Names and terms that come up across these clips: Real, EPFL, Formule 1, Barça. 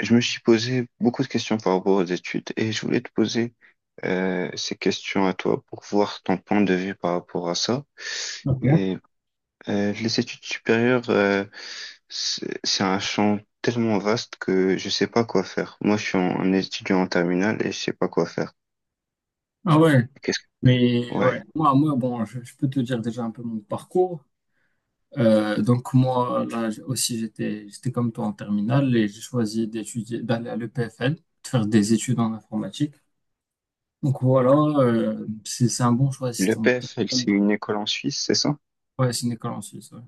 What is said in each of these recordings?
Je me suis posé beaucoup de questions par rapport aux études et je voulais te poser ces questions à toi pour voir ton point de vue par rapport à ça. Ok. Et les études supérieures, c'est un champ tellement vaste que je sais pas quoi faire. Moi, je suis un étudiant en terminale et je sais pas quoi faire. Ah ouais, Qu'est-ce mais ouais, Ouais. moi, moi bon, je peux te dire déjà un peu mon parcours. Donc moi, là aussi, j'étais comme toi en terminale et j'ai choisi d'étudier, d'aller à l'EPFL, de faire des études en informatique. Donc voilà, c'est un bon choix si t'es en L'EPFL, terminale. c'est une école en Suisse, c'est ça? Ouais, c'est une école en Suisse. Ouais,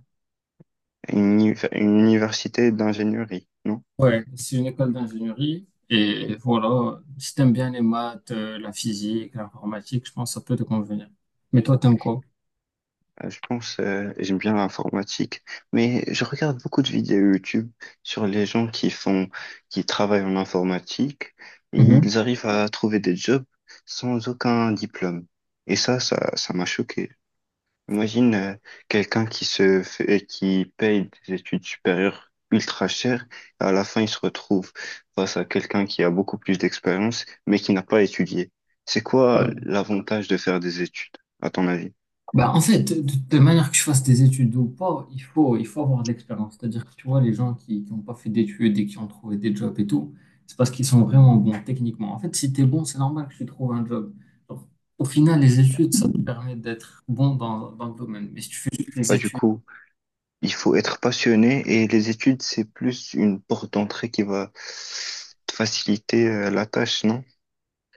Une université d'ingénierie, non? ouais, c'est une école d'ingénierie et voilà, si t'aimes bien les maths, la physique, l'informatique, je pense que ça peut te convenir. Mais toi, t'aimes quoi? Je pense, j'aime bien l'informatique, mais je regarde beaucoup de vidéos YouTube sur les gens qui font, qui travaillent en informatique et ils arrivent à trouver des jobs sans aucun diplôme. Et ça m'a choqué. Imagine, quelqu'un qui se fait, qui paye des études supérieures ultra chères, et à la fin, il se retrouve face à quelqu'un qui a beaucoup plus d'expérience, mais qui n'a pas étudié. C'est quoi l'avantage de faire des études, à ton avis? Bah, en fait, de manière que je fasse des études ou pas, il faut avoir de l'expérience. C'est-à-dire que tu vois, les gens qui n'ont pas fait d'études et qui ont trouvé des jobs et tout, c'est parce qu'ils sont vraiment bons techniquement. En fait, si tu es bon, c'est normal que tu trouves un job. Donc, au final, les études, ça te permet d'être bon dans le domaine. Mais si tu fais juste les Bah, du études, coup, il faut être passionné et les études, c'est plus une porte d'entrée qui va te faciliter la tâche, non?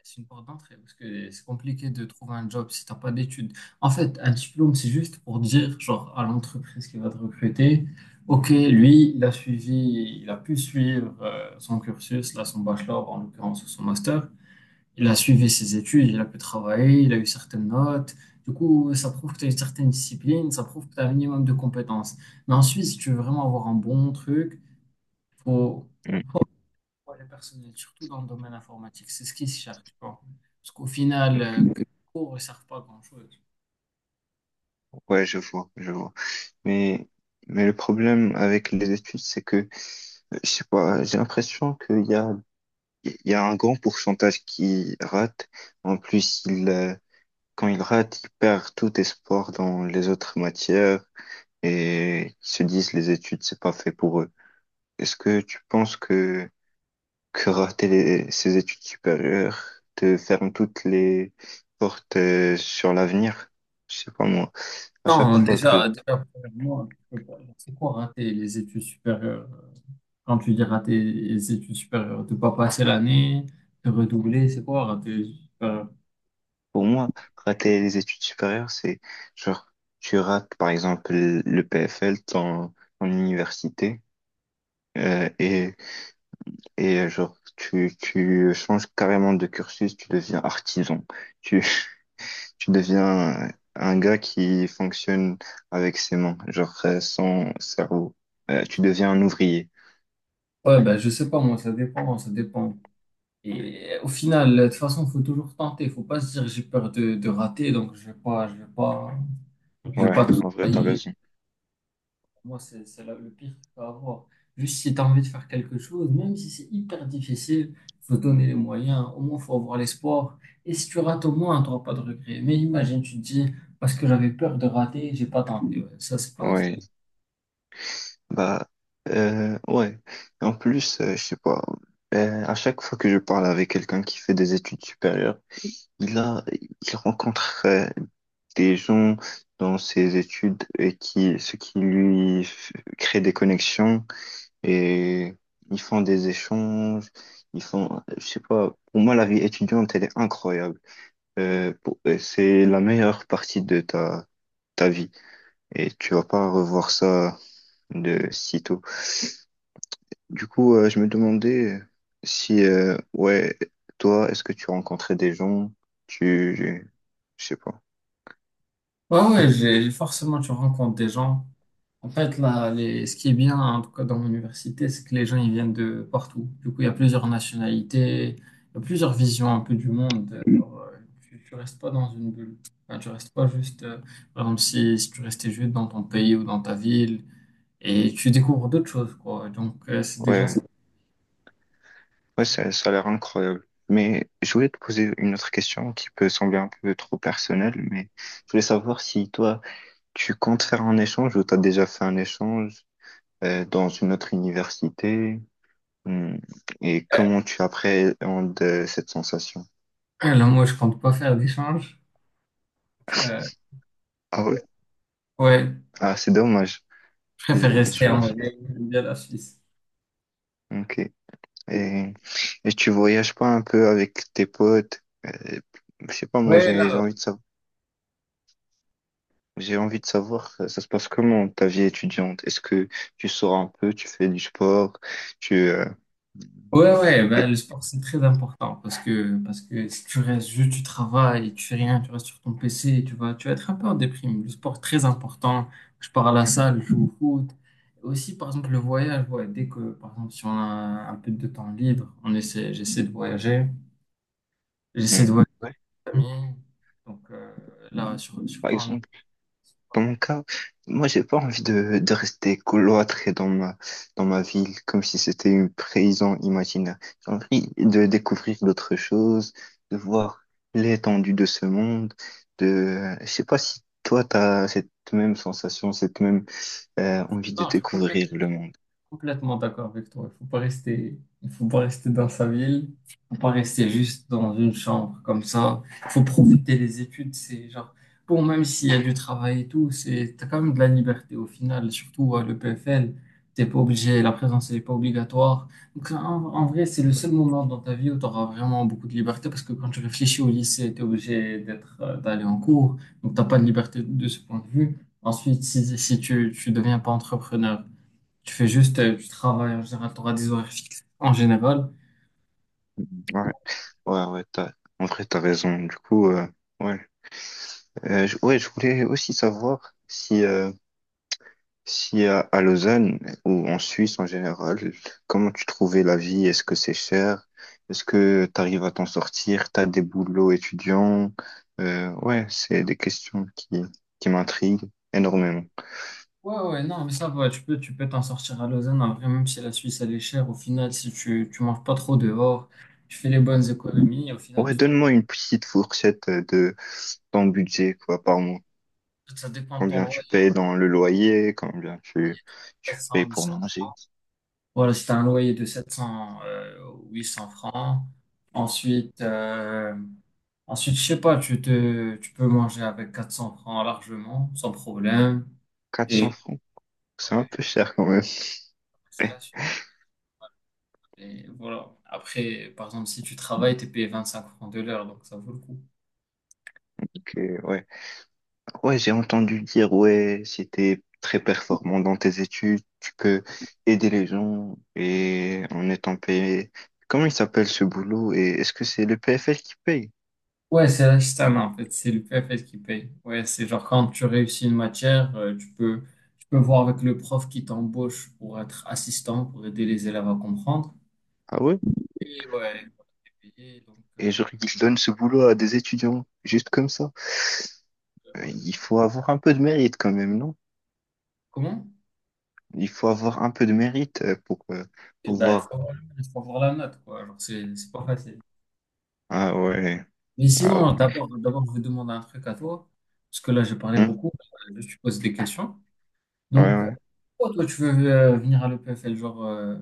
c'est une porte d'entrée parce que c'est compliqué de trouver un job si t'as pas d'études. En fait, un diplôme, c'est juste pour dire, genre, à l'entreprise qui va te recruter, ok, lui, il a suivi, il a pu suivre son cursus, là, son bachelor, en l'occurrence, ou son master. Il a suivi ses études, il a pu travailler, il a eu certaines notes. Du coup, ça prouve que tu as une certaine discipline, ça prouve que tu as un minimum de compétences. Mais ensuite, si tu veux vraiment avoir un bon truc, faut Mm. ouais, le personnel, surtout dans le domaine informatique, c'est ce qui se cherche, tu vois. Parce qu'au final, que les cours ne servent pas à grand-chose. Ouais, je vois, je vois. Mais, mais le problème avec les études, c'est que, je sais pas, j'ai l'impression qu'il y a un grand pourcentage qui rate. En plus, quand il rate, il perd tout espoir dans les autres matières et ils se disent les études, c'est pas fait pour eux. Est-ce que tu penses que rater ses études supérieures te ferme toutes les portes sur l'avenir. Je sais pas moi. À chaque Non, fois que je, déjà, premièrement, tu peux pas- c'est quoi rater les études supérieures? Quand tu dis rater les études supérieures, de pas passer l'année, de redoubler, c'est quoi rater les études supérieures? pour moi, rater les études supérieures, c'est genre tu rates par exemple le PFL, ton université, euh, et et genre tu changes carrément de cursus, tu deviens artisan, tu tu deviens un gars qui fonctionne avec ses mains, genre sans cerveau. Tu deviens un ouvrier. Ouais, ben, je sais pas, moi, ça dépend, ça dépend. Et au final, de toute façon, faut toujours tenter. Faut pas se dire j'ai peur de rater, donc je vais Ouais, pas en vrai, t'as travailler. raison. Moi, le pire que tu peux avoir. Juste si tu as envie de faire quelque chose, même si c'est hyper difficile, faut donner les moyens. Au moins, faut avoir l'espoir. Et si tu rates, au moins, tu n'auras pas de regret. Mais imagine, tu te dis, parce que j'avais peur de rater, j'ai pas tenté. Ouais, ça, c'est pas. Ouais, bah, ouais. En plus, je sais pas, à chaque fois que je parle avec quelqu'un qui fait des études supérieures, il rencontre des gens dans ses études et ce qui lui crée des connexions et ils font des échanges, ils font, je sais pas, pour moi, la vie étudiante, elle est incroyable. C'est la meilleure partie de ta vie et tu vas pas revoir ça de sitôt. Du coup, je me demandais si, ouais, toi, est-ce que tu rencontrais des gens, tu, je sais pas. Ouais, ouais, forcément, tu rencontres des gens. En fait, là, les... ce qui est bien, en tout cas dans mon université, c'est que les gens, ils viennent de partout. Du coup, il y a plusieurs nationalités, il y a plusieurs visions un peu du monde. Alors, tu restes pas dans une bulle. Enfin, tu restes pas juste, par exemple, si tu restais juste dans ton pays ou dans ta ville, et tu découvres d'autres choses, quoi. Donc, c'est déjà ça. Ouais, ouais, ça a l'air incroyable. Mais je voulais te poser une autre question qui peut sembler un peu trop personnelle, mais je voulais savoir si toi, tu comptes faire un échange ou t'as déjà fait un échange dans une autre université. Hmm. Et comment tu appréhendes cette sensation? Là, moi, je compte pas faire d'échange. Euh, Ah oui, ouais, ah, c'est dommage. je préfère Désolé, rester je Ouais. en vrai, j'aime bien la Suisse. Ok. Et, et tu voyages pas un peu avec tes potes? Je sais pas, moi, Ouais, j'ai là, envie de savoir, ça, ça se passe comment ta vie étudiante? Est-ce que tu sors un peu, tu fais du sport, tu, euh, ouais, ouais, t'es- ben, le sport, c'est très important parce que si tu restes juste, tu travailles, tu fais rien, tu restes sur ton PC, tu vas être un peu en déprime. Le sport, très important. Je pars à la salle, je joue au foot. Aussi, par exemple, le voyage, ouais, dès que, par exemple, si on a un peu de temps libre, j'essaie de voyager. J'essaie de Hmm. voyager Ouais. avec mes amis. Donc, là, Par surtout en exemple, dans mon cas, moi, j'ai pas envie de rester cloîtré dans ma ville, comme si c'était une prison imaginaire. J'ai envie de découvrir d'autres choses, de voir l'étendue de ce monde, je sais pas si toi, t'as cette même sensation, cette même, envie de Europe, je complète. découvrir le monde. Complètement d'accord avec toi. Il faut pas rester, il faut pas rester dans sa ville. Il faut pas rester juste dans une chambre comme ça. Il faut profiter des études. C'est genre, bon, même s'il y a du travail et tout, c'est, t'as quand même de la liberté au final. Surtout à le PFL, t'es pas obligé, la présence n'est pas obligatoire. Donc, en vrai, c'est le seul moment dans ta vie où tu auras vraiment beaucoup de liberté parce que quand tu réfléchis au lycée, tu es obligé d'être, d'aller en cours. Donc, t'as pas de liberté de ce point de vue. Ensuite, si tu deviens pas entrepreneur, tu fais juste du travail en général, tu auras des horaires fixes en général. Ouais, ouais, ouais, en vrai, t'as raison. Du coup, ouais, ouais, je voulais aussi savoir si, si à Lausanne ou en Suisse en général, comment tu trouvais la vie? Est-ce que c'est cher? Est-ce que tu arrives à t'en sortir? T'as des boulots étudiants? Ouais, c'est des questions qui m'intriguent énormément. Ouais, ouais, non, mais ça va, tu peux t'en sortir à Lausanne. En vrai, même si la Suisse, elle est chère, au final, si tu manges pas trop dehors, tu fais les bonnes économies, au final, Ouais, tu t'en... donne-moi une petite fourchette de ton budget, quoi, par mois. ça dépend de ton Combien loyer, tu payes dans le loyer? Combien tu 700, payes pour 800 francs. manger? Voilà, si tu as un loyer de 700, 800 francs, ensuite, euh, ensuite, je sais pas, tu peux manger avec 400 francs largement, sans problème. Quatre cents Et francs? C'est un peu cher quand même. c'est là et voilà. Après, par exemple, si tu travailles, t'es payé 25 francs de l'heure, donc ça vaut le coup. Ok, ouais. Ouais, j'ai entendu dire, ouais, si t'es très performant dans tes études, tu peux aider les gens et en étant payé. Comment il s'appelle ce boulot et est-ce que c'est le PFL qui paye? Ouais, c'est l'Ashtan, en fait. C'est le PFL qui paye. Ouais, c'est genre quand tu réussis une matière, tu peux voir avec le prof qui t'embauche pour être assistant, pour aider les élèves à comprendre. Ah ouais? Et ouais, t'es donc, Et genre, ils donnent ce boulot à des étudiants, juste comme ça. Ouais. Il faut avoir un peu de mérite quand même, non? Comment? Il faut avoir un peu de mérite pour Eh ben, pouvoir. Il faut avoir la note, quoi. Genre, c'est pas facile. Ah ouais. Mais Ah, sinon, d'abord, je vais demander un truc à toi, parce que là, j'ai parlé hein, beaucoup. Je te pose des questions. ouais, Donc, ouais. pourquoi toi, tu veux venir à le l'EPFL? Genre,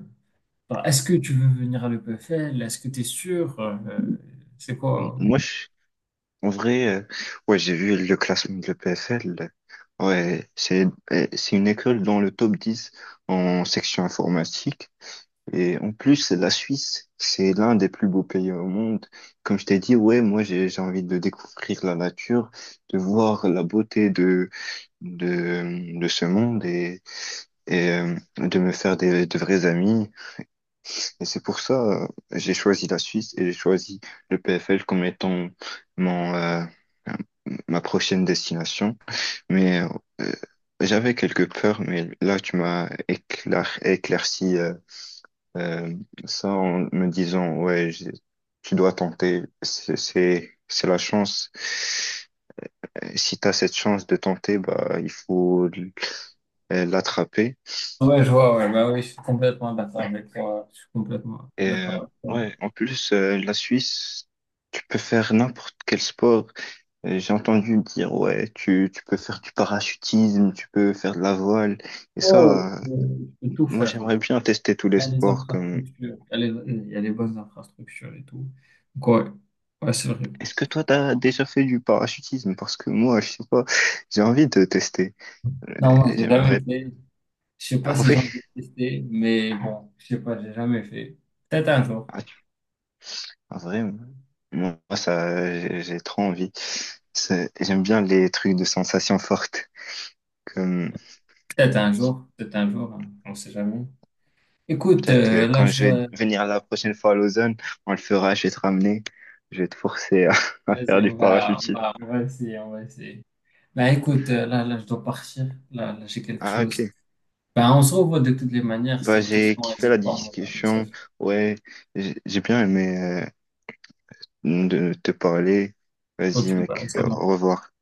enfin, est-ce que tu veux venir à le l'EPFL? Est-ce que tu es sûr? C'est M- quoi? Moi, je, En vrai, ouais, j'ai vu le classement de l'EPFL. Ouais, c'est une école dans le top 10 en section informatique. Et en plus, la Suisse, c'est l'un des plus beaux pays au monde. Comme je t'ai dit, ouais, moi, j'ai envie de découvrir la nature, de voir la beauté de ce monde et de me faire des de vrais amis. Et c'est pour ça, j'ai choisi la Suisse et j'ai choisi le PFL comme étant mon, euh, ma prochaine destination. Mais euh, j'avais quelques peurs, mais là, tu m'as éclairci euh, ça en me disant, ouais, tu dois tenter, c'est la chance. Si tu as cette chance de tenter, bah, il faut l'attraper. Ouais, je vois, ouais, bah oui, je suis complètement d'accord avec toi. Je suis complètement Et d'accord avec toi. ouais, en plus, la Suisse, tu peux faire n'importe quel sport. J'ai entendu dire, ouais, tu peux faire du parachutisme, tu peux faire de la voile. Et Ouais, ouais, ça, je peux tout moi, faire, hein. j'aimerais bien tester tous les Il y a les sports. Infrastructures, il y a les bonnes infrastructures et tout. Donc, ouais, ouais, c'est vrai. Est-ce que toi, t'as déjà fait du parachutisme? Parce que moi, je sais pas, j'ai envie de tester. Euh, Non, moi, j'ai jamais J'aimerais. fait. Je sais pas Ah si j'ai oui, envie de tester, mais bon, je sais pas, j'ai jamais fait. Peut-être un jour. ah, ah, vraiment. Moi, ça, j'ai trop envie. J'aime bien les trucs de sensations fortes. Comme Peut-être un jour, peut-être un jour, hein, on sait jamais. Écoute, Peut-être que là, quand je je vais dois... venir la prochaine fois à Lausanne, on le fera, je vais te ramener. Je vais te forcer à, à Vas-y, faire du Oui. Parachutisme. On va essayer, on va essayer. Là, écoute, là, je dois partir. Là, j'ai quelque Ah, chose. ok. Ben, on se revoit de toutes les manières. C'était Bah, une j'ai question, kiffé la n'hésite pas à m'envoyer un discussion. message. Ouais, j'ai bien aimé de te parler. Vas-y, Ok, ben, mec, ça au marche. revoir.